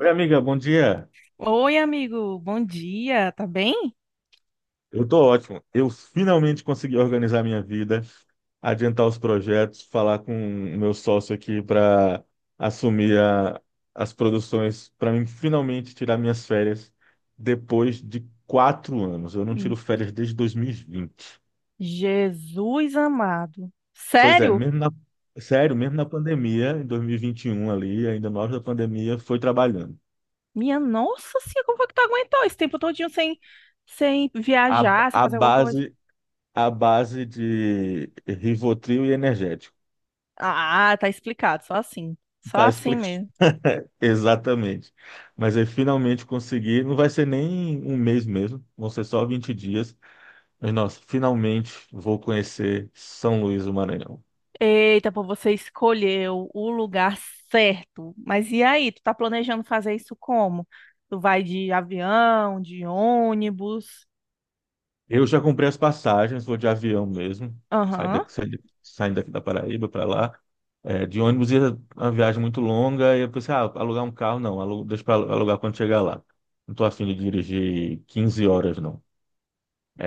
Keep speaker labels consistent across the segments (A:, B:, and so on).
A: Oi, amiga, bom dia.
B: Oi, amigo, bom dia, tá bem?
A: Eu tô ótimo. Eu finalmente consegui organizar minha vida, adiantar os projetos, falar com o meu sócio aqui para assumir as produções, para mim finalmente tirar minhas férias depois de 4 anos. Eu não tiro
B: Hum,
A: férias desde 2020.
B: Jesus amado.
A: Pois é,
B: Sério?
A: sério, mesmo na pandemia, em 2021 ali, ainda no auge da pandemia, foi trabalhando.
B: Minha nossa senhora, como foi que tu aguentou esse tempo todinho sem
A: A,
B: viajar, sem
A: a
B: fazer alguma coisa?
A: base, a base de Rivotril e energético.
B: Ah, tá explicado, só assim. Só
A: Tá
B: assim
A: explicado.
B: mesmo.
A: Exatamente. Mas aí finalmente consegui. Não vai ser nem um mês mesmo, vão ser só 20 dias. Mas nossa, finalmente vou conhecer São Luís do Maranhão.
B: Eita, pô, você escolheu o lugar certo. Mas e aí, tu tá planejando fazer isso como? Tu vai de avião, de ônibus?
A: Eu já comprei as passagens, vou de avião mesmo. Saio
B: Aham.
A: daqui, saindo daqui da Paraíba para lá. É, de ônibus ia uma viagem muito longa. E eu pensei, ah, alugar um carro? Não, deixa para alugar quando chegar lá. Não tô afim de dirigir 15 horas, não.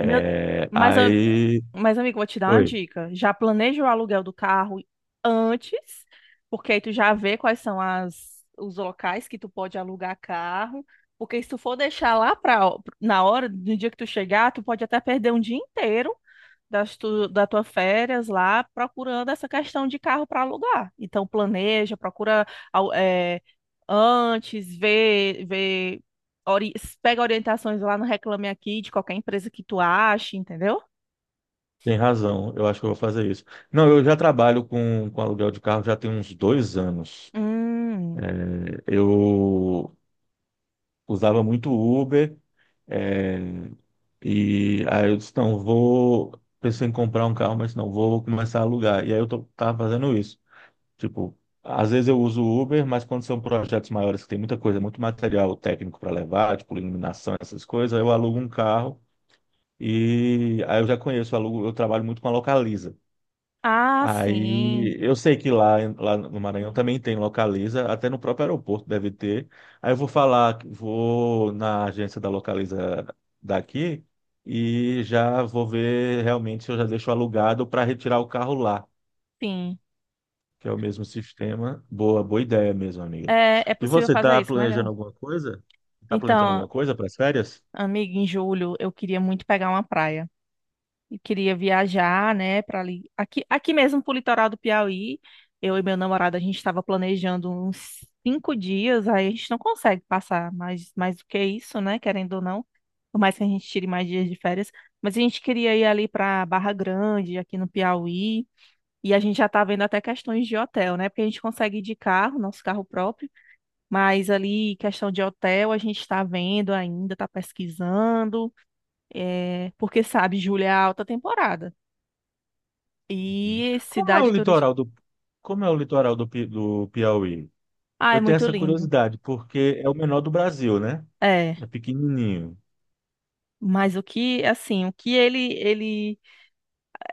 B: Meu, mas
A: aí.
B: Mas, amigo, vou te dar uma
A: Oi.
B: dica. Já planeja o aluguel do carro antes, porque aí tu já vê quais são as, os locais que tu pode alugar carro. Porque se tu for deixar lá pra, na hora, no dia que tu chegar, tu pode até perder um dia inteiro das tu, da tua férias lá procurando essa questão de carro para alugar. Então, planeja, procura au- é, antes, vê, ori- pega orientações lá no Reclame Aqui de qualquer empresa que tu ache, entendeu?
A: Tem razão, eu acho que eu vou fazer isso. Não, eu já trabalho com aluguel de carro já tem uns 2 anos.
B: Hum,
A: É, eu usava muito Uber, é, e aí eu disse, não, vou, pensei em comprar um carro, mas não, vou começar a alugar. E aí tava fazendo isso. Tipo, às vezes eu uso o Uber, mas quando são projetos maiores que tem muita coisa, muito material técnico para levar, tipo iluminação, essas coisas, eu alugo um carro e aí eu já conheço, eu alugo, eu trabalho muito com a Localiza.
B: Ah, sim,
A: Aí eu sei que lá no Maranhão também tem Localiza, até no próprio aeroporto deve ter. Aí eu vou falar, vou na agência da Localiza daqui e já vou ver realmente se eu já deixo alugado para retirar o carro lá,
B: sim.
A: que é o mesmo sistema. Boa, boa ideia mesmo, amigo.
B: É
A: E
B: possível
A: você
B: fazer
A: está
B: isso
A: planejando
B: melhor.
A: alguma coisa? Está planejando
B: Então,
A: alguma coisa para as férias?
B: amiga, em julho eu queria muito pegar uma praia. E queria viajar, né, para ali. Aqui, aqui mesmo pro litoral do Piauí, eu e meu namorado, a gente estava planejando uns 5 dias, aí a gente não consegue passar mais do que isso, né, querendo ou não. Por mais que a gente tire mais dias de férias. Mas a gente queria ir ali para Barra Grande, aqui no Piauí. E a gente já tá vendo até questões de hotel, né? Porque a gente consegue ir de carro, nosso carro próprio. Mas ali, questão de hotel, a gente está vendo ainda, está pesquisando, porque sabe, julho é a alta temporada.
A: Uhum.
B: E
A: Como é
B: cidade turística.
A: como é o litoral do, do Piauí?
B: Ah, é
A: Eu tenho
B: muito
A: essa
B: lindo.
A: curiosidade, porque é o menor do Brasil, né?
B: É,
A: É pequenininho.
B: mas o que, assim, o que ele.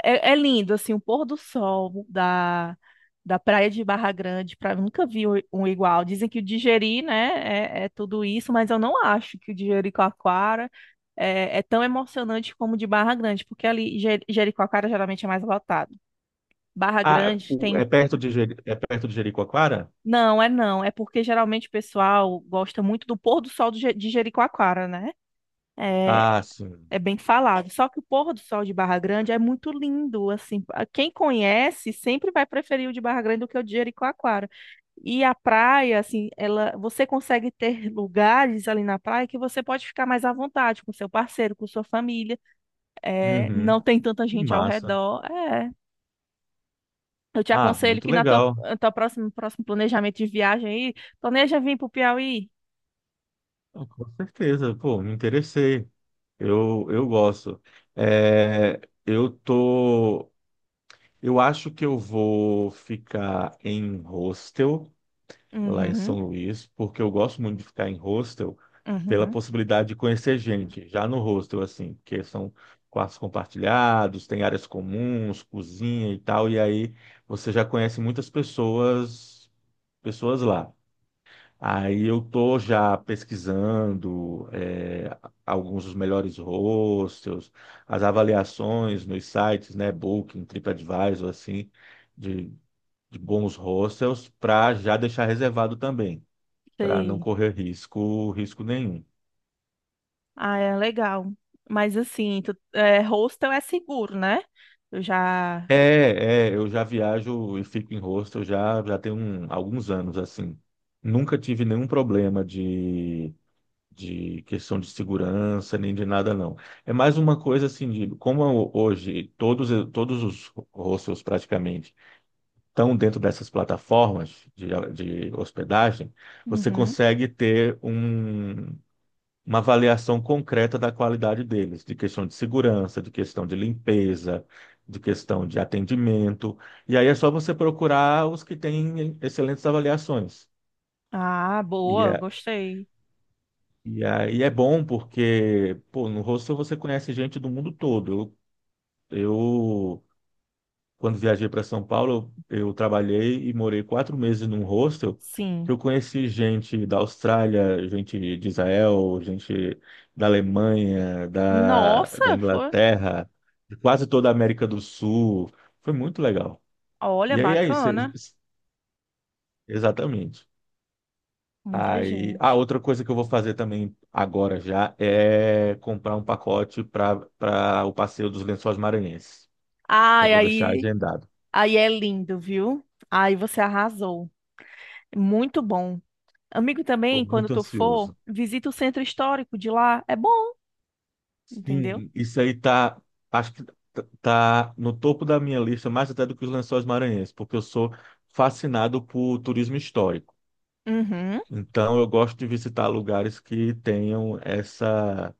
B: É lindo, assim, o pôr do sol da praia de Barra Grande, nunca vi um igual. Dizem que o Digeri, né, é tudo isso, mas eu não acho que o de Jericoacoara é tão emocionante como o de Barra Grande, porque ali Jericoacoara geralmente é mais lotado. Barra
A: Ah,
B: Grande
A: é
B: tem.
A: perto de, é perto de Jericoacoara?
B: Não, é não, é porque geralmente o pessoal gosta muito do pôr do sol do de Jericoacoara, né? É,
A: Ah, sim.
B: É bem falado. Só que o pôr do sol de Barra Grande é muito lindo, assim. Quem conhece sempre vai preferir o de Barra Grande do que o de Jericoacoara. E a praia, assim, ela, você consegue ter lugares ali na praia que você pode ficar mais à vontade com seu parceiro, com sua família. É,
A: Uhum.
B: não tem tanta
A: Que
B: gente ao
A: massa.
B: redor. É. Eu te
A: Ah,
B: aconselho
A: muito
B: que na tua,
A: legal.
B: na tua próxima, próximo planejamento de viagem aí, planeja vir para o Piauí.
A: Ah, com certeza, pô, me interessei. Eu gosto. É, eu tô, eu acho que eu vou ficar em hostel. Lá em São
B: Uhum,
A: Luís, porque eu gosto muito de ficar em hostel pela
B: uhum.
A: possibilidade de conhecer gente, já no hostel, assim, porque são quartos compartilhados, tem áreas comuns, cozinha e tal, e aí você já conhece muitas pessoas, pessoas lá. Aí eu tô já pesquisando é, alguns dos melhores hostels, as avaliações nos sites, né, Booking, TripAdvisor, assim, de, de bons hostels, para já deixar reservado também para não
B: Sei.
A: correr risco, risco nenhum.
B: Ah, é legal. Mas assim, tu, hostel é seguro, né? Eu já.
A: Eu já viajo e fico em hostel já, já tem alguns anos, assim. Nunca tive nenhum problema de questão de segurança, nem de nada, não. É mais uma coisa, assim, de como hoje todos os hostels praticamente estão dentro dessas plataformas de hospedagem, você
B: Uhum.
A: consegue ter uma avaliação concreta da qualidade deles, de questão de segurança, de questão de limpeza, de questão de atendimento. E aí é só você procurar os que têm excelentes avaliações.
B: Ah,
A: E,
B: boa,
A: é-
B: gostei.
A: e aí é bom porque, pô, no hostel você conhece gente do mundo todo. Eu quando viajei para São Paulo, eu trabalhei e morei 4 meses num hostel
B: Sim.
A: que eu conheci gente da Austrália, gente de Israel, gente da Alemanha, da
B: Nossa, foi.
A: Inglaterra, de quase toda a América do Sul. Foi muito legal.
B: Olha,
A: E aí é isso,
B: bacana.
A: exatamente.
B: Muita
A: Aí, a
B: gente.
A: outra coisa que eu vou fazer também agora já é comprar um pacote para o passeio dos Lençóis Maranhenses. Já
B: Ai,
A: vou deixar
B: aí,
A: agendado.
B: aí é lindo, viu? Aí você arrasou. Muito bom. Amigo,
A: Estou
B: também, quando
A: muito
B: tu for,
A: ansioso.
B: visita o centro histórico de lá. É bom, entendeu?
A: Sim, isso aí tá, acho que tá no topo da minha lista, mais até do que os Lençóis Maranhenses, porque eu sou fascinado por turismo histórico.
B: Uhum.
A: Então eu gosto de visitar lugares que tenham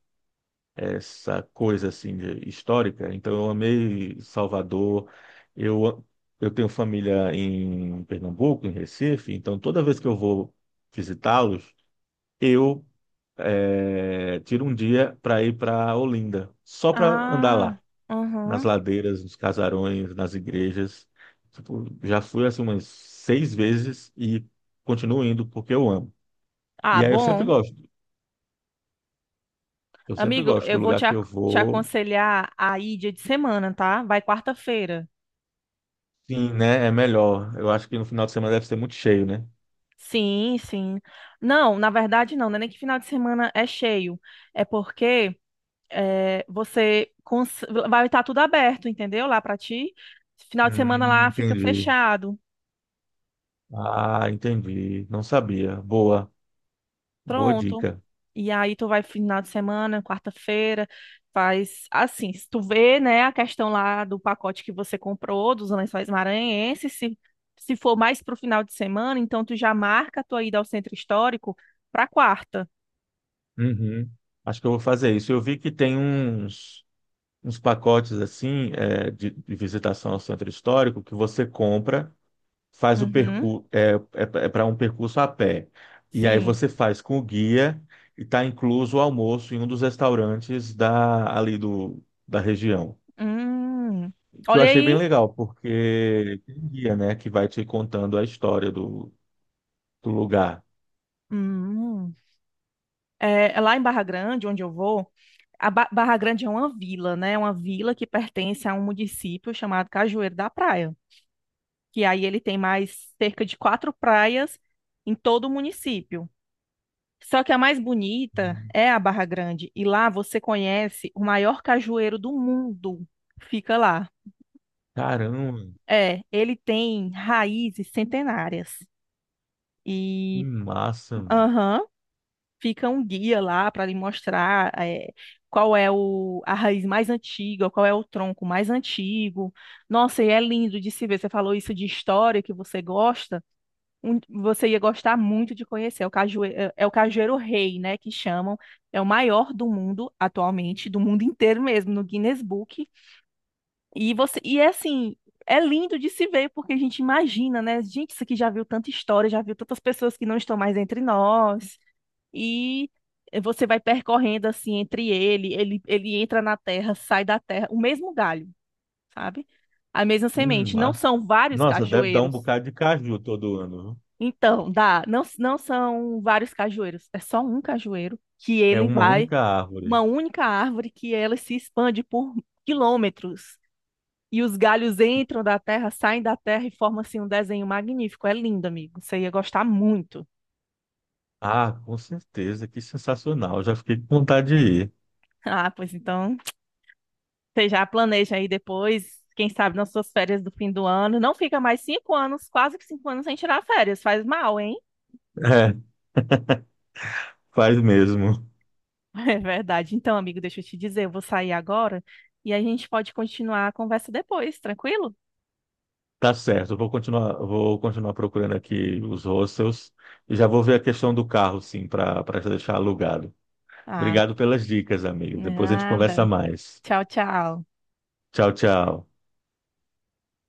A: essa coisa assim histórica. Então eu amei Salvador. Eu eu tenho família em Pernambuco, em Recife, então toda vez que eu vou visitá-los, eu tiro um dia para ir para Olinda, só para andar
B: Ah,
A: lá nas
B: uhum.
A: ladeiras, nos casarões, nas igrejas. Tipo, já fui assim umas seis vezes e continuo indo porque eu amo.
B: Ah,
A: E aí
B: bom.
A: eu sempre
B: Amigo,
A: gosto do
B: eu vou
A: lugar que eu
B: te
A: vou.
B: aconselhar a ir dia de semana, tá? Vai quarta-feira.
A: Sim, né? É melhor. Eu acho que no final de semana deve ser muito cheio, né?
B: Sim, sim. Não, na verdade não, não é nem que final de semana é cheio. É porque você vai estar tudo aberto, entendeu? Lá pra ti. Final de semana lá fica
A: Entendi.
B: fechado.
A: Ah, entendi. Não sabia. Boa, boa
B: Pronto.
A: dica.
B: E aí tu vai final de semana, quarta-feira, faz assim, se tu vê, né, a questão lá do pacote que você comprou, dos Lençóis Maranhenses, se for mais pro final de semana, então tu já marca a tua ida ao centro histórico pra quarta.
A: Uhum. Acho que eu vou fazer isso. Eu vi que tem uns, uns pacotes assim, é, de visitação ao centro histórico que você compra. Faz o
B: Uhum,
A: percurso é, é para um percurso a pé. E aí
B: sim.
A: você faz com o guia e está incluso o almoço em um dos restaurantes da ali do da região.
B: Hum.
A: Que eu
B: Olha
A: achei
B: aí.
A: bem legal, porque tem um guia, né, que vai te contando a história do, do lugar.
B: Hum. É lá em Barra Grande, onde eu vou, a Barra Grande é uma vila, né? Uma vila que pertence a um município chamado Cajueiro da Praia, que aí ele tem mais cerca de quatro praias em todo o município. Só que a mais bonita
A: Hum,
B: é a Barra Grande, e lá você conhece o maior cajueiro do mundo. Fica lá.
A: Caramba,
B: É, ele tem raízes centenárias.
A: que
B: E,
A: massa, mano.
B: aham, fica um guia lá para lhe mostrar qual é o, a raiz mais antiga, qual é o tronco mais antigo. Nossa, e é lindo de se ver. Você falou isso de história que você gosta. Você ia gostar muito de conhecer. É o cajueiro, é o cajueiro rei, né, que chamam. É o maior do mundo atualmente, do mundo inteiro mesmo, no Guinness Book. E você, e é assim, é lindo de se ver, porque a gente imagina, né? Gente, isso aqui já viu tanta história, já viu tantas pessoas que não estão mais entre nós. E você vai percorrendo assim entre ele, ele entra na terra, sai da terra, o mesmo galho, sabe? A mesma
A: Que
B: semente. Não
A: massa.
B: são vários
A: Nossa, deve dar um
B: cajueiros,
A: bocado de caju todo ano. Viu?
B: então, dá. Não, não são vários cajueiros, é só um cajueiro que
A: É
B: ele
A: uma
B: vai,
A: única árvore.
B: uma única árvore que ela se expande por quilômetros. E os galhos entram da terra, saem da terra e formam assim um desenho magnífico. É lindo, amigo. Você ia gostar muito.
A: Ah, com certeza, que sensacional. Já fiquei com vontade de ir.
B: Ah, pois então, você já planeja aí depois, quem sabe nas suas férias do fim do ano. Não fica mais 5 anos, quase que 5 anos sem tirar férias. Faz mal, hein?
A: Faz mesmo.
B: É verdade. Então, amigo, deixa eu te dizer, eu vou sair agora e a gente pode continuar a conversa depois, tranquilo?
A: Tá certo. Eu vou continuar, vou continuar procurando aqui os hostels e já vou ver a questão do carro, sim, para deixar alugado.
B: Ah,
A: Obrigado pelas dicas, amigo. Depois a gente conversa
B: nada.
A: mais.
B: Tchau, tchau.
A: Tchau, tchau.